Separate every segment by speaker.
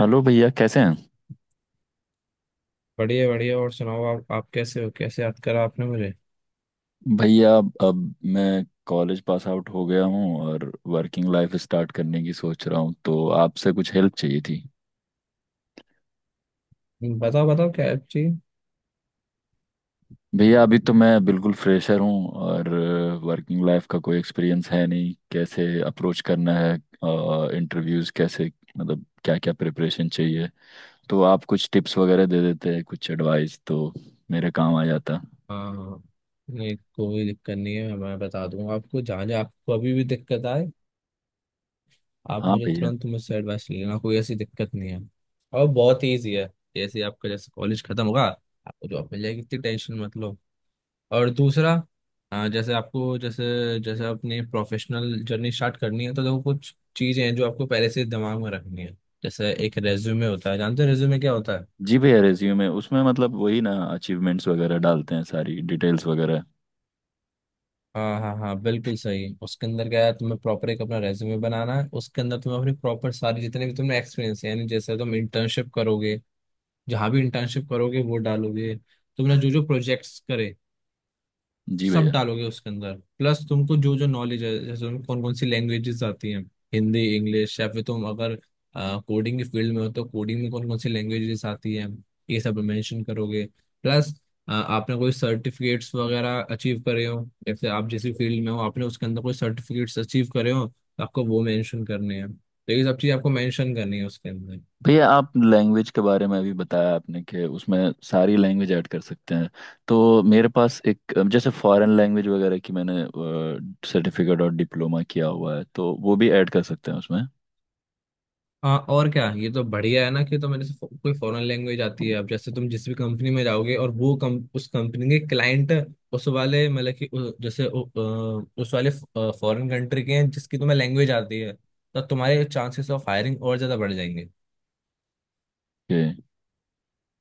Speaker 1: Hello भैया, कैसे हैं।
Speaker 2: बढ़िया बढ़िया। और सुनाओ, आप कैसे हो? कैसे याद करा आपने मुझे?
Speaker 1: भैया, अब मैं कॉलेज पास आउट हो गया हूँ, और वर्किंग लाइफ स्टार्ट करने की सोच रहा हूँ, तो आपसे कुछ हेल्प चाहिए थी।
Speaker 2: बताओ बताओ, क्या हेल्प चाहिए?
Speaker 1: भैया, अभी तो मैं बिल्कुल फ्रेशर हूँ, और वर्किंग लाइफ का कोई एक्सपीरियंस है नहीं। कैसे अप्रोच करना है, इंटरव्यूज़ कैसे, मतलब क्या क्या प्रिपरेशन चाहिए, तो आप कुछ टिप्स वगैरह दे देते हैं, कुछ एडवाइस, तो मेरे काम आ जाता।
Speaker 2: हाँ, नहीं कोई दिक्कत नहीं है। मैं बता दूंगा आपको। जहाँ जहाँ आपको अभी भी दिक्कत आए, आप
Speaker 1: हाँ
Speaker 2: मुझे
Speaker 1: भैया।
Speaker 2: तुरंत मुझसे एडवाइस ले लेना। कोई ऐसी दिक्कत नहीं है। और बहुत ईजी है। जैसे कॉलेज खत्म होगा, आपको जॉब मिल जाएगी, इतनी टेंशन मत लो। और दूसरा, हाँ। जैसे आपको जैसे जैसे अपनी प्रोफेशनल जर्नी स्टार्ट करनी है, तो देखो, कुछ चीज़ें हैं जो आपको पहले से दिमाग में रखनी है। जैसे एक रेज्यूमे होता है। जानते हो रेज्यूमे क्या होता है?
Speaker 1: जी भैया, रेज्यूमे, उसमें मतलब वही ना, अचीवमेंट्स वगैरह डालते हैं, सारी डिटेल्स वगैरह।
Speaker 2: हाँ हाँ हाँ, बिल्कुल सही। उसके अंदर क्या है, तुम्हें प्रॉपर एक अपना रेज्यूमे बनाना है। उसके अंदर तुम्हें अपनी प्रॉपर सारी, जितने भी तुमने एक्सपीरियंस है, यानी जैसे तुम इंटर्नशिप करोगे, जहाँ भी इंटर्नशिप करोगे वो डालोगे। तुमने जो जो प्रोजेक्ट्स करे,
Speaker 1: जी
Speaker 2: सब
Speaker 1: भैया।
Speaker 2: डालोगे उसके अंदर। प्लस तुमको जो जो नॉलेज है, जैसे तुम्हें कौन कौन सी लैंग्वेजेस आती हैं, हिंदी, इंग्लिश, या फिर तुम अगर कोडिंग के फील्ड में हो तो कोडिंग में कौन कौन सी लैंग्वेजेस आती हैं, ये सब मेंशन करोगे। प्लस आपने कोई सर्टिफिकेट्स वगैरह अचीव करे हो, जैसे आप जैसी फील्ड में हो, आपने उसके अंदर कोई सर्टिफिकेट्स अचीव करे हो तो आपको वो मेंशन करने हैं। तो ये सब चीज़ आपको मेंशन करनी है उसके अंदर।
Speaker 1: भैया आप लैंग्वेज के बारे में अभी बताया आपने, कि उसमें सारी लैंग्वेज ऐड कर सकते हैं। तो मेरे पास एक जैसे फॉरेन लैंग्वेज वगैरह की मैंने सर्टिफिकेट और डिप्लोमा किया हुआ है, तो वो भी ऐड कर सकते हैं उसमें।
Speaker 2: हाँ, और क्या! ये तो बढ़िया है ना कि, तो मेरे से कोई फॉरेन लैंग्वेज आती है।
Speaker 1: ओके।
Speaker 2: अब जैसे तुम जिस भी कंपनी में जाओगे, और वो कम, उस कंपनी के क्लाइंट, उस वाले मतलब कि उस वाले फॉरेन कंट्री के हैं जिसकी तुम्हें लैंग्वेज आती है, तो तुम्हारे चांसेस ऑफ हायरिंग और ज्यादा बढ़ जाएंगे।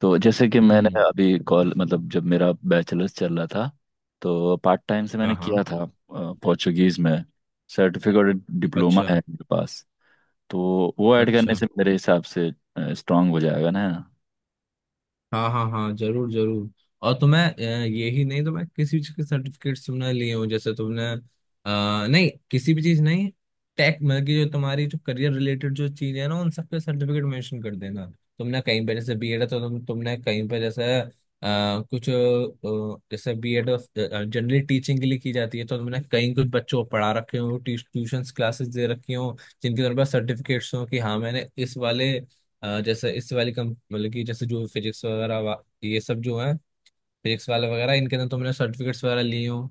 Speaker 1: तो जैसे कि मैंने
Speaker 2: हम्म।
Speaker 1: अभी कॉल मतलब जब मेरा बैचलर्स चल रहा था, तो पार्ट टाइम से मैंने
Speaker 2: हाँ हाँ।
Speaker 1: किया था, पोर्चुगीज में सर्टिफिकेट डिप्लोमा
Speaker 2: अच्छा।
Speaker 1: है मेरे पास। तो वो ऐड
Speaker 2: अच्छा।
Speaker 1: करने से मेरे हिसाब से स्ट्रांग हो जाएगा ना।
Speaker 2: हाँ हाँ हाँ, जरूर जरूर। और तुम्हें ये ही नहीं, तो मैं किसी चीज के सर्टिफिकेट्स तुमने लिए हो, जैसे तुमने नहीं, किसी भी चीज नहीं। टेक मतलब कि जो तुम्हारी, जो करियर रिलेटेड जो चीज है ना, उन सबके सर्टिफिकेट मेंशन कर देना। तुमने कहीं पे जैसे बीएड है, तो तुमने कहीं पे जैसे कुछ जैसे बीएड जनरली टीचिंग के लिए की जाती है, तो तुमने कहीं कुछ बच्चों को पढ़ा रखे हो, ट्यूशंस क्लासेस दे रखी हो, जिनके तुम्हारे पास सर्टिफिकेट्स हो कि हाँ मैंने इस वाले जैसे इस वाली कम, मतलब कि जैसे जो फिजिक्स वगैरह ये सब जो है, फिजिक्स वाले वगैरह, इनके अंदर तुमने सर्टिफिकेट्स वगैरह लिए हो।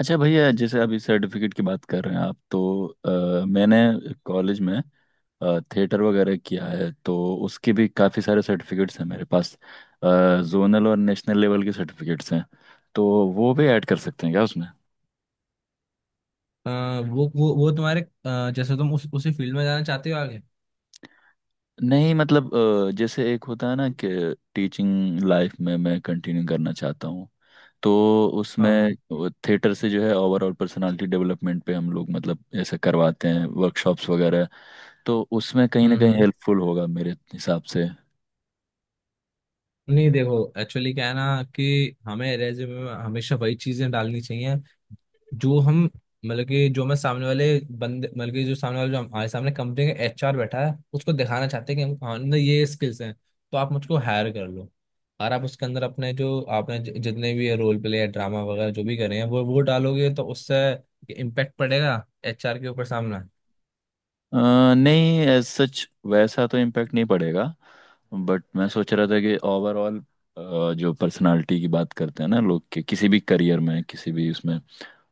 Speaker 1: अच्छा भैया, जैसे अभी सर्टिफिकेट की बात कर रहे हैं आप, तो मैंने कॉलेज में थिएटर वगैरह किया है, तो उसके भी काफ़ी सारे सर्टिफिकेट्स हैं मेरे पास। जोनल और नेशनल लेवल के सर्टिफिकेट्स हैं, तो वो भी ऐड कर सकते हैं क्या उसमें।
Speaker 2: अ, वो तुम्हारे जैसे तुम उस उसी फील्ड में जाना चाहते हो आगे?
Speaker 1: नहीं मतलब, जैसे एक होता है ना कि टीचिंग लाइफ में मैं कंटिन्यू करना चाहता हूँ, तो उसमें
Speaker 2: हाँ।
Speaker 1: थिएटर से जो है ओवरऑल पर्सनालिटी डेवलपमेंट पे हम लोग मतलब ऐसे करवाते हैं वर्कशॉप्स वगैरह। तो उसमें कहीं ना कहीं
Speaker 2: हम्म।
Speaker 1: हेल्पफुल होगा मेरे हिसाब से।
Speaker 2: नहीं देखो, एक्चुअली क्या है ना कि हमें रेज्यूमे में हमेशा वही चीजें डालनी चाहिए, जो हम, मतलब कि जो मैं सामने वाले बंदे, मतलब कि जो सामने वाले, जो हमारे सामने कंपनी का एचआर बैठा है, उसको दिखाना चाहते हैं कि हम हमने ये स्किल्स हैं, तो आप मुझको हायर कर लो। और आप उसके अंदर अपने, जो आपने जितने भी रोल प्ले या ड्रामा वगैरह जो भी करे हैं, वो डालोगे, तो उससे इम्पेक्ट पड़ेगा एचआर के ऊपर, सामना।
Speaker 1: नहीं, एज सच वैसा तो इम्पैक्ट नहीं पड़ेगा, बट मैं सोच रहा था कि ओवरऑल जो पर्सनालिटी की बात करते हैं ना लोग, के किसी भी करियर में, किसी भी उसमें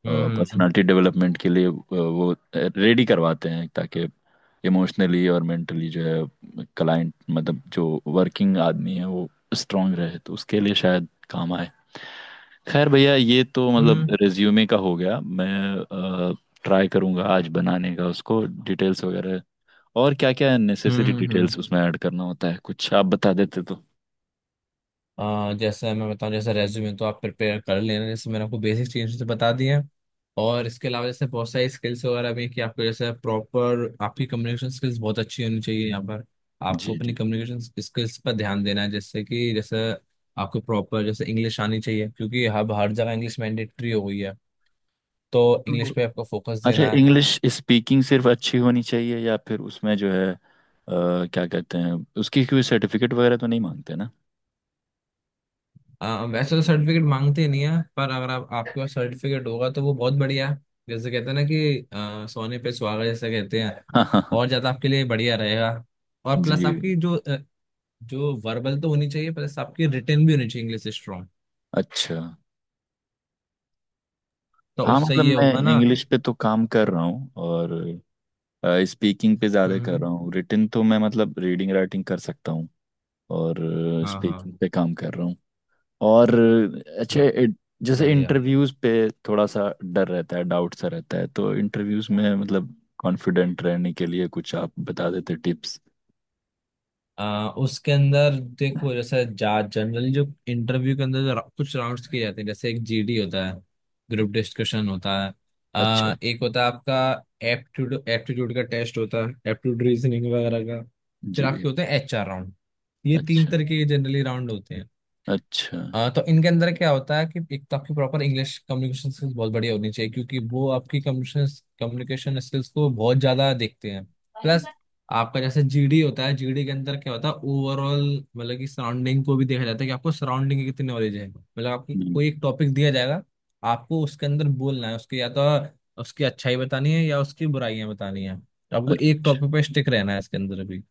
Speaker 2: हम्म। हम्म।
Speaker 1: पर्सनालिटी डेवलपमेंट के लिए वो रेडी करवाते हैं, ताकि इमोशनली और मेंटली जो है क्लाइंट मतलब जो वर्किंग आदमी है वो स्ट्रांग रहे, तो उसके लिए शायद काम आए। खैर भैया, ये तो मतलब
Speaker 2: हम्म।
Speaker 1: रिज्यूमे का हो गया। मैं ट्राई करूंगा आज बनाने का उसको, डिटेल्स वगैरह और क्या क्या
Speaker 2: हम्म।
Speaker 1: नेसेसरी डिटेल्स उसमें ऐड करना होता है कुछ आप बता देते तो।
Speaker 2: जैसे मैं बताऊं, जैसे रेज्यूमे तो आप प्रिपेयर कर लेना, जैसे मैंने आपको बेसिक चीज़ें तो बता दी हैं। और इसके अलावा जैसे बहुत सारी स्किल्स वगैरह भी हैं कि आपको जैसे प्रॉपर, आपकी कम्युनिकेशन स्किल्स बहुत अच्छी होनी चाहिए यहाँ पर। आपको अपनी
Speaker 1: जी।
Speaker 2: कम्युनिकेशन स्किल्स पर ध्यान देना है। जैसे कि जैसे आपको प्रॉपर, जैसे इंग्लिश आनी चाहिए, क्योंकि हब हर जगह इंग्लिश मैंडेटरी हो गई है, तो इंग्लिश
Speaker 1: जी।
Speaker 2: पे आपको फोकस
Speaker 1: अच्छा,
Speaker 2: देना है।
Speaker 1: इंग्लिश स्पीकिंग सिर्फ अच्छी होनी चाहिए, या फिर उसमें जो है क्या कहते हैं, उसकी कोई सर्टिफिकेट वगैरह तो नहीं मांगते ना।
Speaker 2: वैसे तो सर्टिफिकेट मांगते नहीं है, पर अगर आप आपके पास सर्टिफिकेट होगा तो वो बहुत बढ़िया है। जैसे कहते हैं ना कि सोने पे सुहागा, जैसे कहते हैं,
Speaker 1: हाँ हाँ
Speaker 2: और
Speaker 1: हाँ।
Speaker 2: ज्यादा आपके लिए बढ़िया रहेगा। और प्लस
Speaker 1: जी।
Speaker 2: आपकी जो जो वर्बल तो होनी चाहिए, प्लस आपकी रिटर्न भी होनी चाहिए, इंग्लिश स्ट्रांग,
Speaker 1: अच्छा।
Speaker 2: तो
Speaker 1: हाँ
Speaker 2: उससे
Speaker 1: मतलब
Speaker 2: ये
Speaker 1: मैं
Speaker 2: होगा ना।
Speaker 1: इंग्लिश पे तो काम कर रहा हूँ, और स्पीकिंग पे ज़्यादा कर
Speaker 2: हम्म।
Speaker 1: रहा हूँ। रिटन तो मैं मतलब रीडिंग राइटिंग कर सकता हूँ, और
Speaker 2: हाँ हाँ।
Speaker 1: स्पीकिंग पे काम कर रहा हूँ। और अच्छा,
Speaker 2: ब-
Speaker 1: जैसे
Speaker 2: बढ़िया।
Speaker 1: इंटरव्यूज पे थोड़ा सा डर रहता है, डाउट सा रहता है, तो इंटरव्यूज में मतलब कॉन्फिडेंट रहने के लिए कुछ आप बता देते टिप्स।
Speaker 2: उसके अंदर देखो, जैसे जा जनरली जो इंटरव्यू के अंदर जो कुछ राउंड्स किए जाते हैं, जैसे एक जीडी होता है, ग्रुप डिस्कशन होता है।
Speaker 1: अच्छा।
Speaker 2: एक होता है आपका एप्टीट्यूड एप्टीट्यूड का टेस्ट होता है, एप्टीट्यूड रीजनिंग वगैरह का। फिर
Speaker 1: जी भी।
Speaker 2: आपके होते हैं एचआर राउंड। ये तीन
Speaker 1: अच्छा।
Speaker 2: तरह के जनरली राउंड होते हैं।
Speaker 1: अच्छा।
Speaker 2: हाँ, तो इनके अंदर क्या होता है कि एक तो आपकी प्रॉपर इंग्लिश कम्युनिकेशन स्किल्स बहुत बढ़िया होनी चाहिए, क्योंकि वो आपकी कम्युनिकेशन कम्युनिकेशन स्किल्स को बहुत ज्यादा देखते हैं। प्लस आपका जैसे जीडी होता है, जीडी के अंदर क्या होता है, ओवरऑल मतलब कि सराउंडिंग को भी देखा जाता है कि आपको सराउंडिंग की कितनी नॉलेज है। मतलब आपको
Speaker 1: हम्म।
Speaker 2: कोई एक टॉपिक दिया जाएगा, आपको उसके अंदर बोलना है, उसकी, या तो उसकी अच्छाई बतानी है या उसकी बुराइयां बतानी है। तो आपको एक
Speaker 1: अच्छा।
Speaker 2: टॉपिक पे स्टिक रहना है इसके अंदर भी।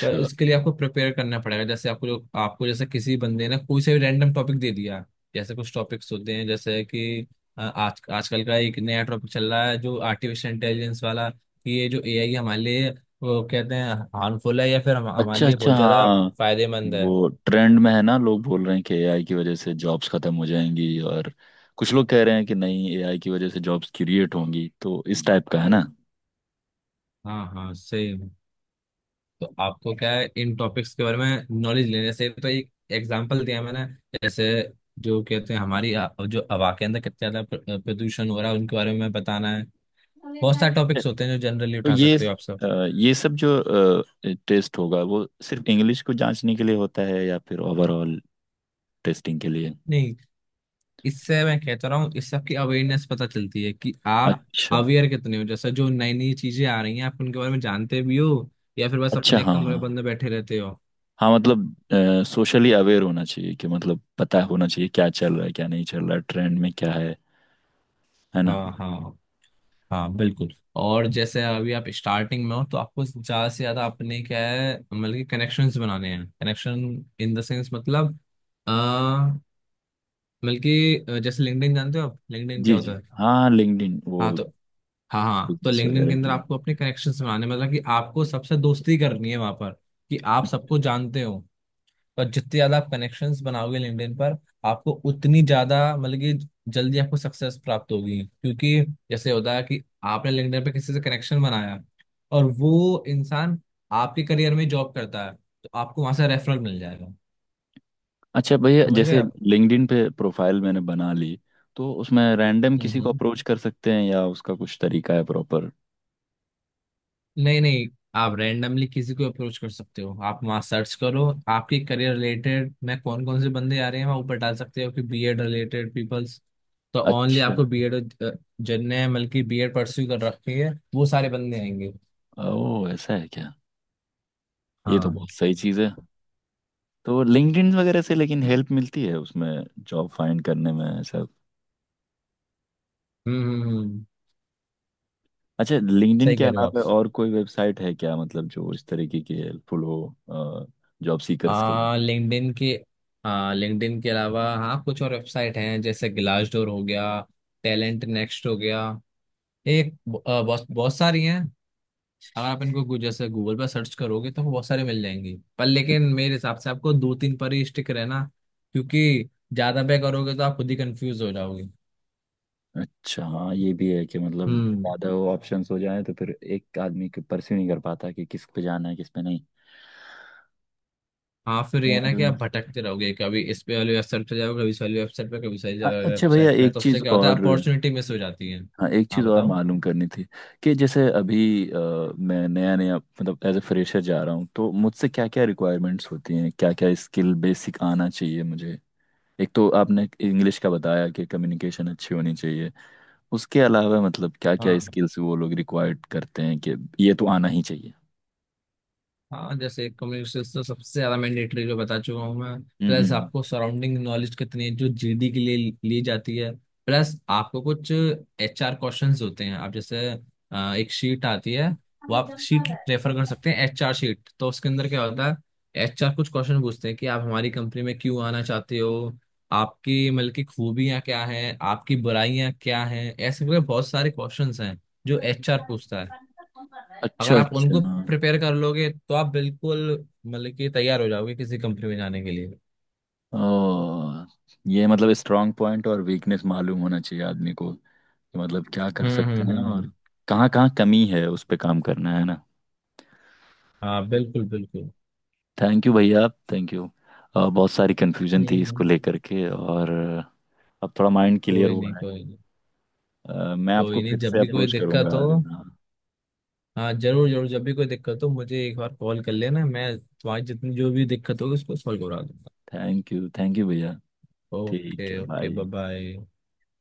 Speaker 2: तो इसके लिए आपको प्रिपेयर करना पड़ेगा। जैसे आपको, जो आपको, जैसे किसी बंदे ने कोई से भी रैंडम टॉपिक दे दिया, जैसे कुछ टॉपिक्स होते हैं जैसे कि आज आजकल का एक नया टॉपिक चल रहा है, जो आर्टिफिशियल इंटेलिजेंस वाला, कि ये जो एआई हमारे लिए, वो कहते हैं हार्मफुल है या फिर हमारे
Speaker 1: अच्छा।
Speaker 2: लिए
Speaker 1: अच्छा
Speaker 2: बहुत ज्यादा
Speaker 1: हाँ,
Speaker 2: फायदेमंद है।
Speaker 1: वो ट्रेंड में है ना। लोग बोल रहे हैं कि एआई की वजह से जॉब्स खत्म हो जाएंगी, और कुछ लोग कह रहे हैं कि नहीं, एआई की वजह से जॉब्स क्रिएट होंगी, तो इस टाइप का है ना।
Speaker 2: हाँ हाँ, सेम। तो आपको क्या है, इन टॉपिक्स के बारे में नॉलेज लेने से, तो एक एग्जांपल दिया मैंने। जैसे जो कहते हैं हमारी जो हवा के अंदर कितना ज्यादा प्रदूषण हो रहा है, उनके बारे में बताना है। बहुत सारे टॉपिक्स होते हैं जो जनरली
Speaker 1: तो
Speaker 2: उठा
Speaker 1: ये
Speaker 2: सकते हो आप सब।
Speaker 1: ये सब जो टेस्ट होगा, वो सिर्फ इंग्लिश को जांचने के लिए होता है, या फिर ओवरऑल टेस्टिंग के लिए।
Speaker 2: नहीं, इससे, मैं कहता रहा हूँ, इससे आपकी अवेयरनेस पता चलती है कि आप
Speaker 1: अच्छा।
Speaker 2: अवेयर कितने हो। जैसे जो नई नई चीजें आ रही हैं, आप उनके बारे में जानते भी हो या फिर बस
Speaker 1: अच्छा
Speaker 2: अपने एक
Speaker 1: हाँ हाँ
Speaker 2: कमरे बंद
Speaker 1: हाँ।
Speaker 2: में बैठे रहते हो।
Speaker 1: हाँ, मतलब सोशली अवेयर होना चाहिए, कि मतलब पता होना चाहिए क्या चल रहा है, क्या नहीं चल रहा है, ट्रेंड में क्या है ना।
Speaker 2: हाँ हाँ हाँ, बिल्कुल। और जैसे अभी आप स्टार्टिंग में हो, तो आपको ज्यादा से ज्यादा अपने क्या है, मतलब कि कनेक्शंस बनाने हैं। कनेक्शन इन द सेंस मतलब अ, मतलब कि जैसे लिंक्डइन। जानते हो आप लिंक्डइन
Speaker 1: जी
Speaker 2: क्या होता
Speaker 1: जी,
Speaker 2: है?
Speaker 1: हाँ लिंक्डइन वो
Speaker 2: हाँ तो हाँ हाँ, तो
Speaker 1: बिजनेस
Speaker 2: लिंक्डइन के
Speaker 1: वगैरह के
Speaker 2: अंदर
Speaker 1: लिए।
Speaker 2: आपको अपने कनेक्शंस बनाने, मतलब कि आपको सबसे दोस्ती करनी है वहां पर, कि आप सबको जानते हो। पर जितने ज्यादा आप कनेक्शंस बनाओगे लिंक्डइन पर, आपको उतनी ज्यादा, मतलब कि जल्दी आपको सक्सेस प्राप्त होगी, क्योंकि जैसे होता है कि आपने लिंक्डइन पे किसी से कनेक्शन बनाया, और वो इंसान आपके करियर में जॉब करता है, तो आपको वहां से रेफरल मिल जाएगा।
Speaker 1: अच्छा भैया,
Speaker 2: समझ गए
Speaker 1: जैसे
Speaker 2: आप?
Speaker 1: लिंक्डइन पे प्रोफाइल मैंने बना ली, तो उसमें रैंडम किसी को
Speaker 2: हम्म।
Speaker 1: अप्रोच कर सकते हैं, या उसका कुछ तरीका है प्रॉपर।
Speaker 2: नहीं नहीं, आप रैंडमली किसी को अप्रोच कर सकते हो, आप वहाँ सर्च करो, आपके करियर रिलेटेड मैं कौन कौन से बंदे आ रहे हैं, वहाँ ऊपर डाल सकते हो कि बीएड रिलेटेड पीपल्स, तो ओनली
Speaker 1: अच्छा।
Speaker 2: आपको बीएड, जिनने बल्कि बीएड परस्यू कर रखी है, वो सारे बंदे आएंगे।
Speaker 1: ओह, ऐसा है क्या। ये तो
Speaker 2: हाँ।
Speaker 1: बहुत सही चीज़ है। तो लिंक्डइन वगैरह से लेकिन हेल्प मिलती है उसमें जॉब फाइंड करने में, ऐसा।
Speaker 2: हम्म हम्म हम्म,
Speaker 1: अच्छा, लिंक्डइन
Speaker 2: सही
Speaker 1: के
Speaker 2: कह रहे हो आप।
Speaker 1: अलावा और कोई वेबसाइट है क्या, मतलब जो इस तरीके की हेल्पफुल हो जॉब सीकर्स के लिए।
Speaker 2: आ लिंक्डइन के आ लिंक्डइन के अलावा हाँ, कुछ और वेबसाइट हैं, जैसे ग्लासडोर हो गया, टैलेंट नेक्स्ट हो गया, एक बहुत बहुत सारी हैं। अगर आप इनको जैसे गूगल पर सर्च करोगे तो बहुत सारे मिल जाएंगे, पर लेकिन मेरे हिसाब से आपको दो तीन पर ही स्टिक रहना, क्योंकि ज्यादा पे करोगे तो आप खुद ही कंफ्यूज हो जाओगे।
Speaker 1: अच्छा हाँ, ये भी है कि मतलब
Speaker 2: हम्म।
Speaker 1: ज़्यादा वो ऑप्शंस हो जाए तो फिर एक आदमी परस्यू नहीं कर पाता कि किस पे जाना है किस पे नहीं।
Speaker 2: हाँ, फिर ये
Speaker 1: और
Speaker 2: ना कि आप भटकते रहोगे, कभी इस पे वाली वेबसाइट पे जाओ, कभी इस वाली वेबसाइट पे, कभी इस वाली
Speaker 1: अच्छा भैया
Speaker 2: वेबसाइट पे,
Speaker 1: एक
Speaker 2: तो उससे
Speaker 1: चीज़
Speaker 2: क्या होता है,
Speaker 1: और,
Speaker 2: अपॉर्चुनिटी मिस हो जाती है।
Speaker 1: हाँ एक
Speaker 2: हाँ,
Speaker 1: चीज़ और
Speaker 2: बताओ।
Speaker 1: मालूम करनी थी, कि जैसे अभी अ, मैं नया नया मतलब एज ए फ्रेशर जा रहा हूँ, तो मुझसे क्या क्या रिक्वायरमेंट्स होती हैं, क्या क्या स्किल बेसिक आना चाहिए मुझे। एक तो आपने इंग्लिश का बताया कि कम्युनिकेशन अच्छी होनी चाहिए, उसके अलावा मतलब क्या क्या
Speaker 2: हाँ
Speaker 1: स्किल्स वो लोग रिक्वायर्ड करते हैं कि ये तो आना ही चाहिए।
Speaker 2: हाँ, जैसे कम्युनिकेशन तो सबसे ज्यादा मैंडेटरी, जो बता चुका हूँ मैं।
Speaker 1: हम्म हम्म
Speaker 2: प्लस
Speaker 1: हम्म।
Speaker 2: आपको सराउंडिंग नॉलेज कितनी है, जो जीडी के लिए ली जाती है। प्लस आपको कुछ एचआर क्वेश्चंस होते हैं, आप जैसे एक शीट आती है, वो आप शीट रेफर कर सकते हैं, एचआर शीट, तो उसके अंदर क्या होता है, एचआर कुछ क्वेश्चन पूछते हैं कि आप हमारी कंपनी में क्यों आना चाहते हो, आपकी मतलब की खूबियाँ क्या है, आपकी बुराइयाँ क्या है, ऐसे करके बहुत सारे क्वेश्चंस हैं जो एचआर पूछता है।
Speaker 1: अच्छा
Speaker 2: अगर आप
Speaker 1: अच्छा
Speaker 2: उनको
Speaker 1: हाँ।
Speaker 2: प्रिपेयर कर लोगे तो आप बिल्कुल, मतलब कि तैयार हो जाओगे किसी कंपनी में जाने के लिए।
Speaker 1: ओ, ये मतलब स्ट्रांग पॉइंट और वीकनेस मालूम होना चाहिए आदमी को, कि मतलब क्या कर सकते हैं,
Speaker 2: हम्म।
Speaker 1: और कहाँ कहाँ कमी है उस पे काम करना है ना।
Speaker 2: हाँ बिल्कुल बिल्कुल।
Speaker 1: थैंक यू भैया, आप थैंक यू। बहुत सारी कन्फ्यूजन थी इसको
Speaker 2: हम्म।
Speaker 1: लेकर के, और अब थोड़ा माइंड क्लियर
Speaker 2: कोई नहीं
Speaker 1: हुआ है।
Speaker 2: कोई नहीं।
Speaker 1: मैं आपको
Speaker 2: कोई नहीं,
Speaker 1: फिर से
Speaker 2: जब भी कोई
Speaker 1: अप्रोच करूंगा
Speaker 2: दिक्कत हो,
Speaker 1: अगर, हाँ।
Speaker 2: हाँ जरूर जरूर, जब भी कोई दिक्कत हो मुझे एक बार कॉल कर लेना, मैं तुम्हारी जितनी जो भी दिक्कत होगी उसको सॉल्व करा दूंगा।
Speaker 1: थैंक यू भैया।
Speaker 2: ओके
Speaker 1: ठीक है
Speaker 2: ओके,
Speaker 1: बाय।
Speaker 2: Bye bye.